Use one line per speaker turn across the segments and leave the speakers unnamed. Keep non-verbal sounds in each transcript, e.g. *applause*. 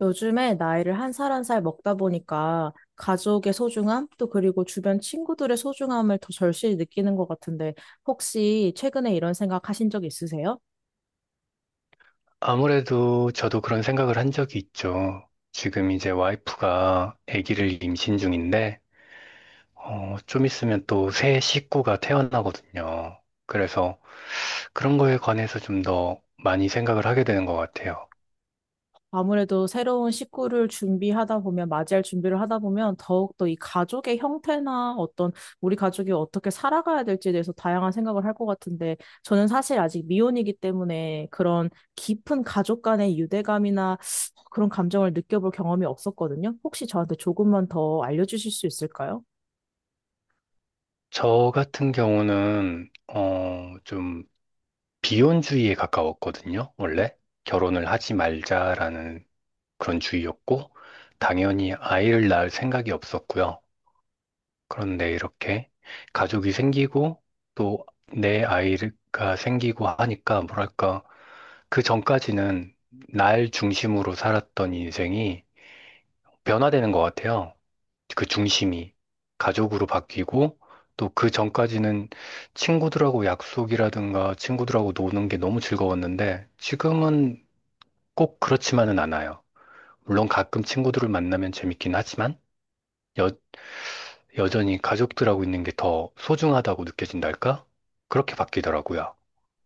요즘에 나이를 한 살 한 살 먹다 보니까 가족의 소중함, 또 그리고 주변 친구들의 소중함을 더 절실히 느끼는 것 같은데, 혹시 최근에 이런 생각 하신 적 있으세요?
아무래도 저도 그런 생각을 한 적이 있죠. 지금 이제 와이프가 아기를 임신 중인데, 좀 있으면 또 새 식구가 태어나거든요. 그래서 그런 거에 관해서 좀 더 많이 생각을 하게 되는 것 같아요.
아무래도 새로운 식구를 준비하다 보면, 맞이할 준비를 하다 보면, 더욱더 이 가족의 형태나 어떤, 우리 가족이 어떻게 살아가야 될지에 대해서 다양한 생각을 할 것 같은데, 저는 사실 아직 미혼이기 때문에 그런 깊은 가족 간의 유대감이나 그런 감정을 느껴볼 경험이 없었거든요. 혹시 저한테 조금만 더 알려주실 수 있을까요?
저 같은 경우는, 좀 비혼주의에 가까웠거든요. 원래 결혼을 하지 말자라는 그런 주의였고, 당연히 아이를 낳을 생각이 없었고요. 그런데 이렇게 가족이 생기고 또 내 아이가 생기고 하니까 뭐랄까 그 전까지는 날 중심으로 살았던 인생이 변화되는 것 같아요. 그 중심이 가족으로 바뀌고 또 그 전까지는 친구들하고 약속이라든가 친구들하고 노는 게 너무 즐거웠는데 지금은 꼭 그렇지만은 않아요. 물론 가끔 친구들을 만나면 재밌긴 하지만 여전히 가족들하고 있는 게 더 소중하다고 느껴진달까? 그렇게 바뀌더라고요.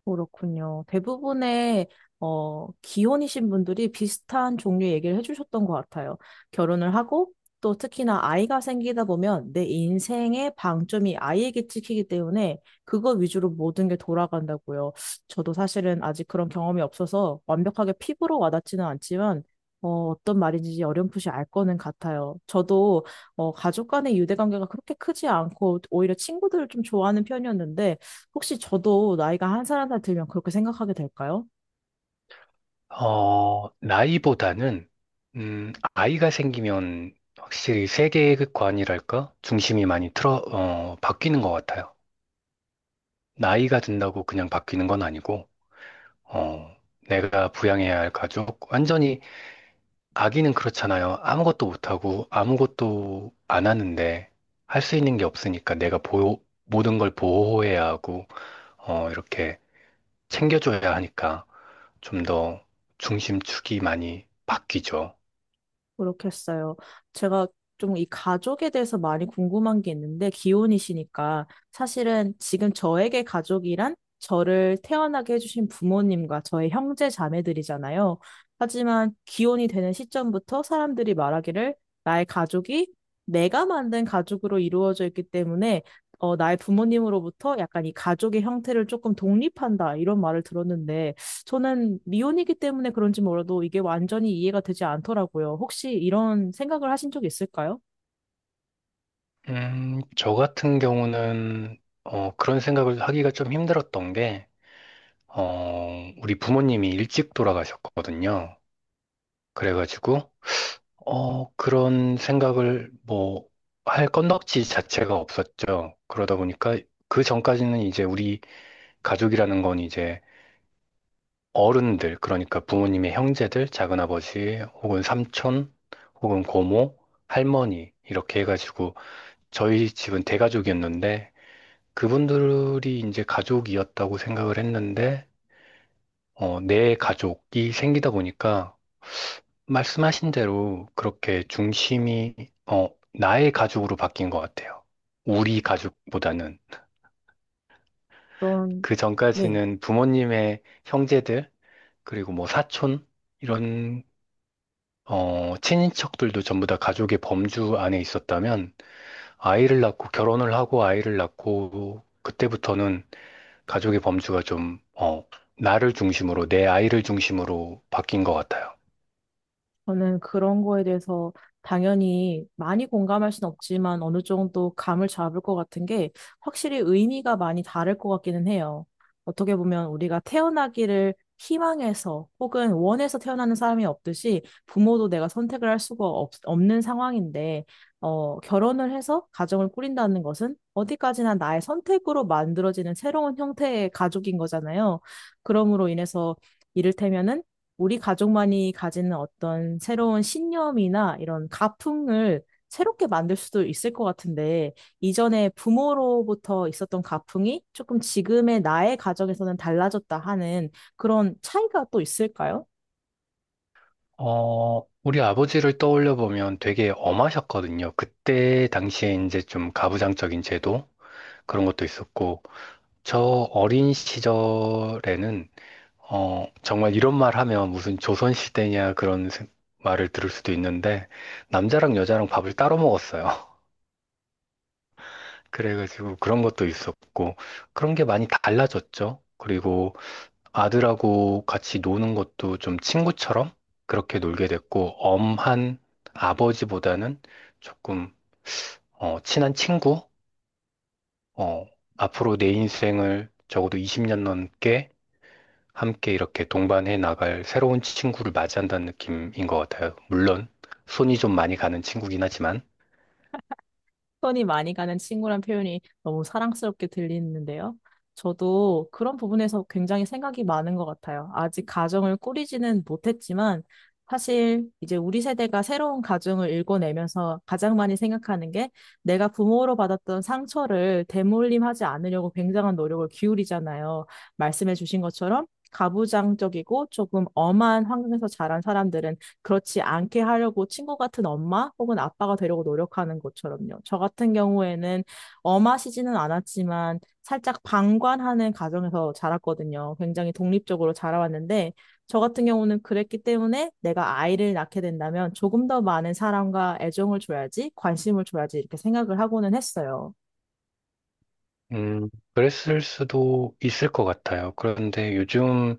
그렇군요. 대부분의 기혼이신 분들이 비슷한 종류의 얘기를 해주셨던 것 같아요. 결혼을 하고, 또 특히나 아이가 생기다 보면 내 인생의 방점이 아이에게 찍히기 때문에 그거 위주로 모든 게 돌아간다고요. 저도 사실은 아직 그런 경험이 없어서 완벽하게 피부로 와닿지는 않지만 어떤 말인지 어렴풋이 알 거는 같아요. 저도 가족 간의 유대관계가 그렇게 크지 않고 오히려 친구들을 좀 좋아하는 편이었는데, 혹시 저도 나이가 한 살 한 살 들면 그렇게 생각하게 될까요?
나이보다는, 아이가 생기면 확실히 세계관이랄까? 중심이 많이 바뀌는 것 같아요. 나이가 든다고 그냥 바뀌는 건 아니고, 어, 내가 부양해야 할 가족, 완전히 아기는 그렇잖아요. 아무것도 못하고 아무것도 안 하는데 할 수 있는 게 없으니까 내가 보호, 모든 걸 보호해야 하고, 이렇게 챙겨줘야 하니까 좀 더 중심축이 많이 바뀌죠.
그렇겠어요. 제가 좀 이 가족에 대해서 많이 궁금한 게 있는데, 기혼이시니까. 사실은 지금 저에게 가족이란 저를 태어나게 해주신 부모님과 저의 형제 자매들이잖아요. 하지만 기혼이 되는 시점부터 사람들이 말하기를, 나의 가족이 내가 만든 가족으로 이루어져 있기 때문에 나의 부모님으로부터 약간 이 가족의 형태를 조금 독립한다, 이런 말을 들었는데, 저는 미혼이기 때문에 그런지 몰라도 이게 완전히 이해가 되지 않더라고요. 혹시 이런 생각을 하신 적 있을까요?
저 같은 경우는 그런 생각을 하기가 좀 힘들었던 게 우리 부모님이 일찍 돌아가셨거든요. 그래가지고 그런 생각을 뭐 할 건덕지 자체가 없었죠. 그러다 보니까 그 전까지는 이제 우리 가족이라는 건 이제 어른들, 그러니까 부모님의 형제들, 작은아버지, 혹은 삼촌, 혹은 고모, 할머니, 이렇게 해가지고, 저희 집은 대가족이었는데, 그분들이 이제 가족이었다고 생각을 했는데, 내 가족이 생기다 보니까, 말씀하신 대로 그렇게 중심이, 나의 가족으로 바뀐 것 같아요. 우리 가족보다는.
그런,
그
네.
전까지는 부모님의 형제들, 그리고 뭐 사촌, 이런 친인척들도 전부 다 가족의 범주 안에 있었다면 아이를 낳고 결혼을 하고 아이를 낳고 그때부터는 가족의 범주가 좀, 나를 중심으로, 내 아이를 중심으로 바뀐 것 같아요.
저는 그런 거에 대해서 당연히 많이 공감할 순 없지만, 어느 정도 감을 잡을 것 같은 게 확실히 의미가 많이 다를 것 같기는 해요. 어떻게 보면 우리가 태어나기를 희망해서 혹은 원해서 태어나는 사람이 없듯이, 부모도 내가 선택을 할 수가 없는 상황인데 결혼을 해서 가정을 꾸린다는 것은 어디까지나 나의 선택으로 만들어지는 새로운 형태의 가족인 거잖아요. 그러므로 인해서 이를테면은 우리 가족만이 가지는 어떤 새로운 신념이나 이런 가풍을 새롭게 만들 수도 있을 것 같은데, 이전에 부모로부터 있었던 가풍이 조금 지금의 나의 가정에서는 달라졌다 하는, 그런 차이가 또 있을까요?
우리 아버지를 떠올려 보면 되게 엄하셨거든요. 그때 당시에 이제 좀 가부장적인 제도 그런 것도 있었고, 저 어린 시절에는 정말 이런 말 하면 무슨 조선시대냐 말을 들을 수도 있는데, 남자랑 여자랑 밥을 따로 먹었어요. *laughs* 그래가지고 그런 것도 있었고, 그런 게 많이 달라졌죠. 그리고 아들하고 같이 노는 것도 좀 친구처럼 그렇게 놀게 됐고, 엄한 아버지보다는 조금, 친한 친구? 어, 앞으로 내 인생을 적어도 20년 넘게 함께 이렇게 동반해 나갈 새로운 친구를 맞이한다는 느낌인 것 같아요. 물론 손이 좀 많이 가는 친구긴 하지만,
손이 많이 가는 친구란 표현이 너무 사랑스럽게 들리는데요. 저도 그런 부분에서 굉장히 생각이 많은 것 같아요. 아직 가정을 꾸리지는 못했지만, 사실 이제 우리 세대가 새로운 가정을 일궈내면서 가장 많이 생각하는 게, 내가 부모로 받았던 상처를 되물림하지 않으려고 굉장한 노력을 기울이잖아요. 말씀해 주신 것처럼 가부장적이고 조금 엄한 환경에서 자란 사람들은 그렇지 않게 하려고 친구 같은 엄마 혹은 아빠가 되려고 노력하는 것처럼요. 저 같은 경우에는 엄하시지는 않았지만 살짝 방관하는 가정에서 자랐거든요. 굉장히 독립적으로 자라왔는데, 저 같은 경우는 그랬기 때문에 내가 아이를 낳게 된다면 조금 더 많은 사랑과 애정을 줘야지, 관심을 줘야지 이렇게 생각을 하고는 했어요.
음, 그랬을 수도 있을 것 같아요. 그런데 요즘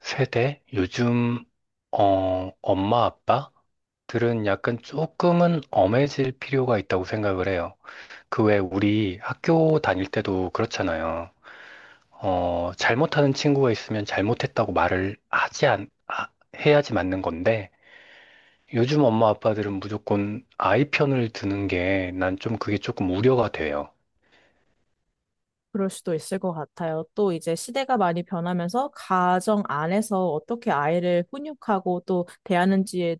세대, 요즘 엄마 아빠들은 약간 조금은 엄해질 필요가 있다고 생각을 해요. 그 외 우리 학교 다닐 때도 그렇잖아요. 잘못하는 친구가 있으면 잘못했다고 말을 하지 않, 아, 해야지 맞는 건데. 요즘 엄마 아빠들은 무조건 아이 편을 드는 게 난 좀 그게 조금 우려가 돼요.
그럴 수도 있을 것 같아요. 또 이제 시대가 많이 변하면서 가정 안에서 어떻게 아이를 훈육하고 또 대하는지에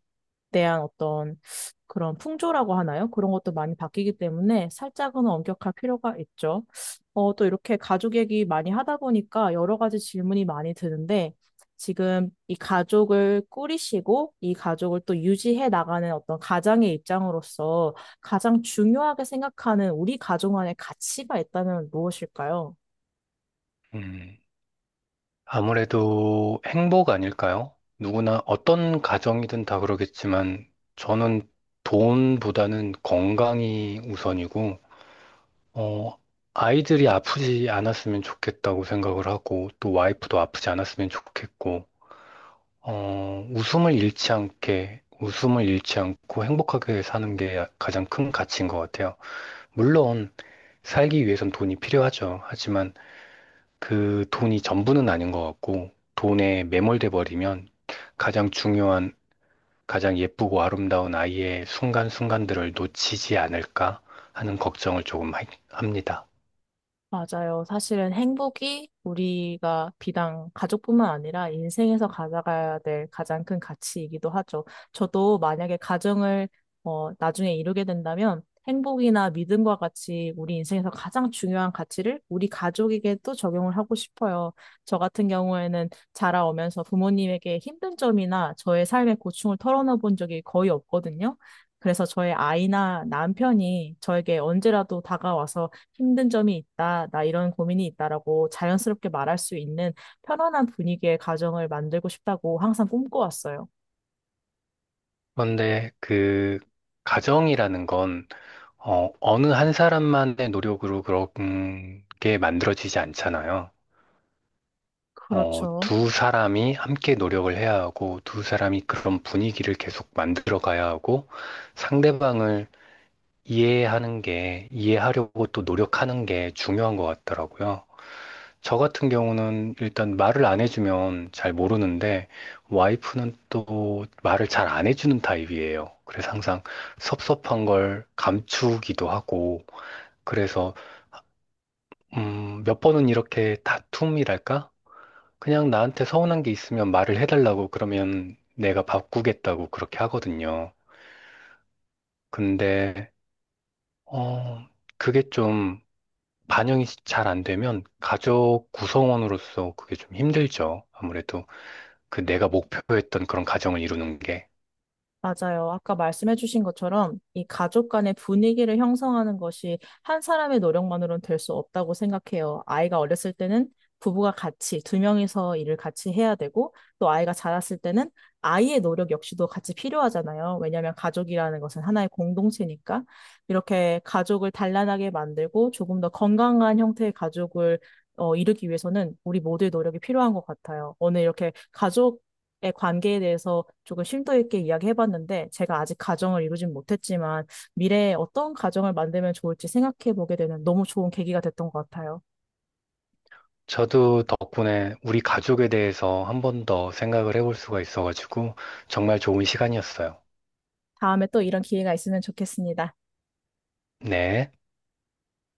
대한 어떤, 그런 풍조라고 하나요? 그런 것도 많이 바뀌기 때문에 살짝은 엄격할 필요가 있죠. 또 이렇게 가족 얘기 많이 하다 보니까 여러 가지 질문이 많이 드는데, 지금 이 가족을 꾸리시고 이 가족을 또 유지해 나가는 어떤 가장의 입장으로서 가장 중요하게 생각하는 우리 가족 안에 가치가 있다면 무엇일까요?
음, 아무래도 행복 아닐까요? 누구나 어떤 가정이든 다 그러겠지만 저는 돈보다는 건강이 우선이고, 어, 아이들이 아프지 않았으면 좋겠다고 생각을 하고 또 와이프도 아프지 않았으면 좋겠고, 웃음을 잃지 않게, 웃음을 잃지 않고 행복하게 사는 게 가장 큰 가치인 것 같아요. 물론 살기 위해선 돈이 필요하죠. 하지만 그 돈이 전부는 아닌 것 같고, 돈에 매몰돼 버리면 가장 중요한, 가장 예쁘고 아름다운 아이의 순간순간들을 놓치지 않을까 하는 걱정을 조금 합니다.
맞아요. 사실은 행복이 우리가 비단 가족뿐만 아니라 인생에서 가져가야 될 가장 큰 가치이기도 하죠. 저도 만약에 가정을 나중에 이루게 된다면, 행복이나 믿음과 같이 우리 인생에서 가장 중요한 가치를 우리 가족에게도 적용을 하고 싶어요. 저 같은 경우에는 자라오면서 부모님에게 힘든 점이나 저의 삶의 고충을 털어놓은 본 적이 거의 없거든요. 그래서 저의 아이나 남편이 저에게 언제라도 다가와서 힘든 점이 있다, 나 이런 고민이 있다라고 자연스럽게 말할 수 있는 편안한 분위기의 가정을 만들고 싶다고 항상 꿈꿔왔어요.
그런데 그 가정이라는 건, 어느 한 사람만의 노력으로 그런 게 만들어지지 않잖아요.
그렇죠.
두 사람이 함께 노력을 해야 하고, 두 사람이 그런 분위기를 계속 만들어 가야 하고, 상대방을 이해하는 게, 이해하려고 또 노력하는 게 중요한 것 같더라고요. 저 같은 경우는 일단 말을 안 해주면 잘 모르는데, 와이프는 또 말을 잘 안 해주는 타입이에요. 그래서 항상 섭섭한 걸 감추기도 하고, 그래서, 몇 번은 이렇게 다툼이랄까? 그냥 나한테 서운한 게 있으면 말을 해달라고 그러면 내가 바꾸겠다고 그렇게 하거든요. 근데, 어, 그게 좀 반영이 잘 안 되면 가족 구성원으로서 그게 좀 힘들죠. 아무래도 그 내가 목표했던 그런 가정을 이루는 게.
맞아요. 아까 말씀해주신 것처럼 이 가족 간의 분위기를 형성하는 것이 한 사람의 노력만으로는 될 수 없다고 생각해요. 아이가 어렸을 때는 부부가 같이 두 명이서 일을 같이 해야 되고, 또 아이가 자랐을 때는 아이의 노력 역시도 같이 필요하잖아요. 왜냐하면 가족이라는 것은 하나의 공동체니까. 이렇게 가족을 단란하게 만들고 조금 더 건강한 형태의 가족을 이루기 위해서는 우리 모두의 노력이 필요한 것 같아요. 오늘 이렇게 가족 관계에 대해서 조금 심도 있게 이야기해봤는데, 제가 아직 가정을 이루진 못했지만 미래에 어떤 가정을 만들면 좋을지 생각해보게 되는 너무 좋은 계기가 됐던 것 같아요.
저도 덕분에 우리 가족에 대해서 한 번 더 생각을 해볼 수가 있어가지고 정말 좋은 시간이었어요.
다음에 또 이런 기회가 있으면 좋겠습니다.
네.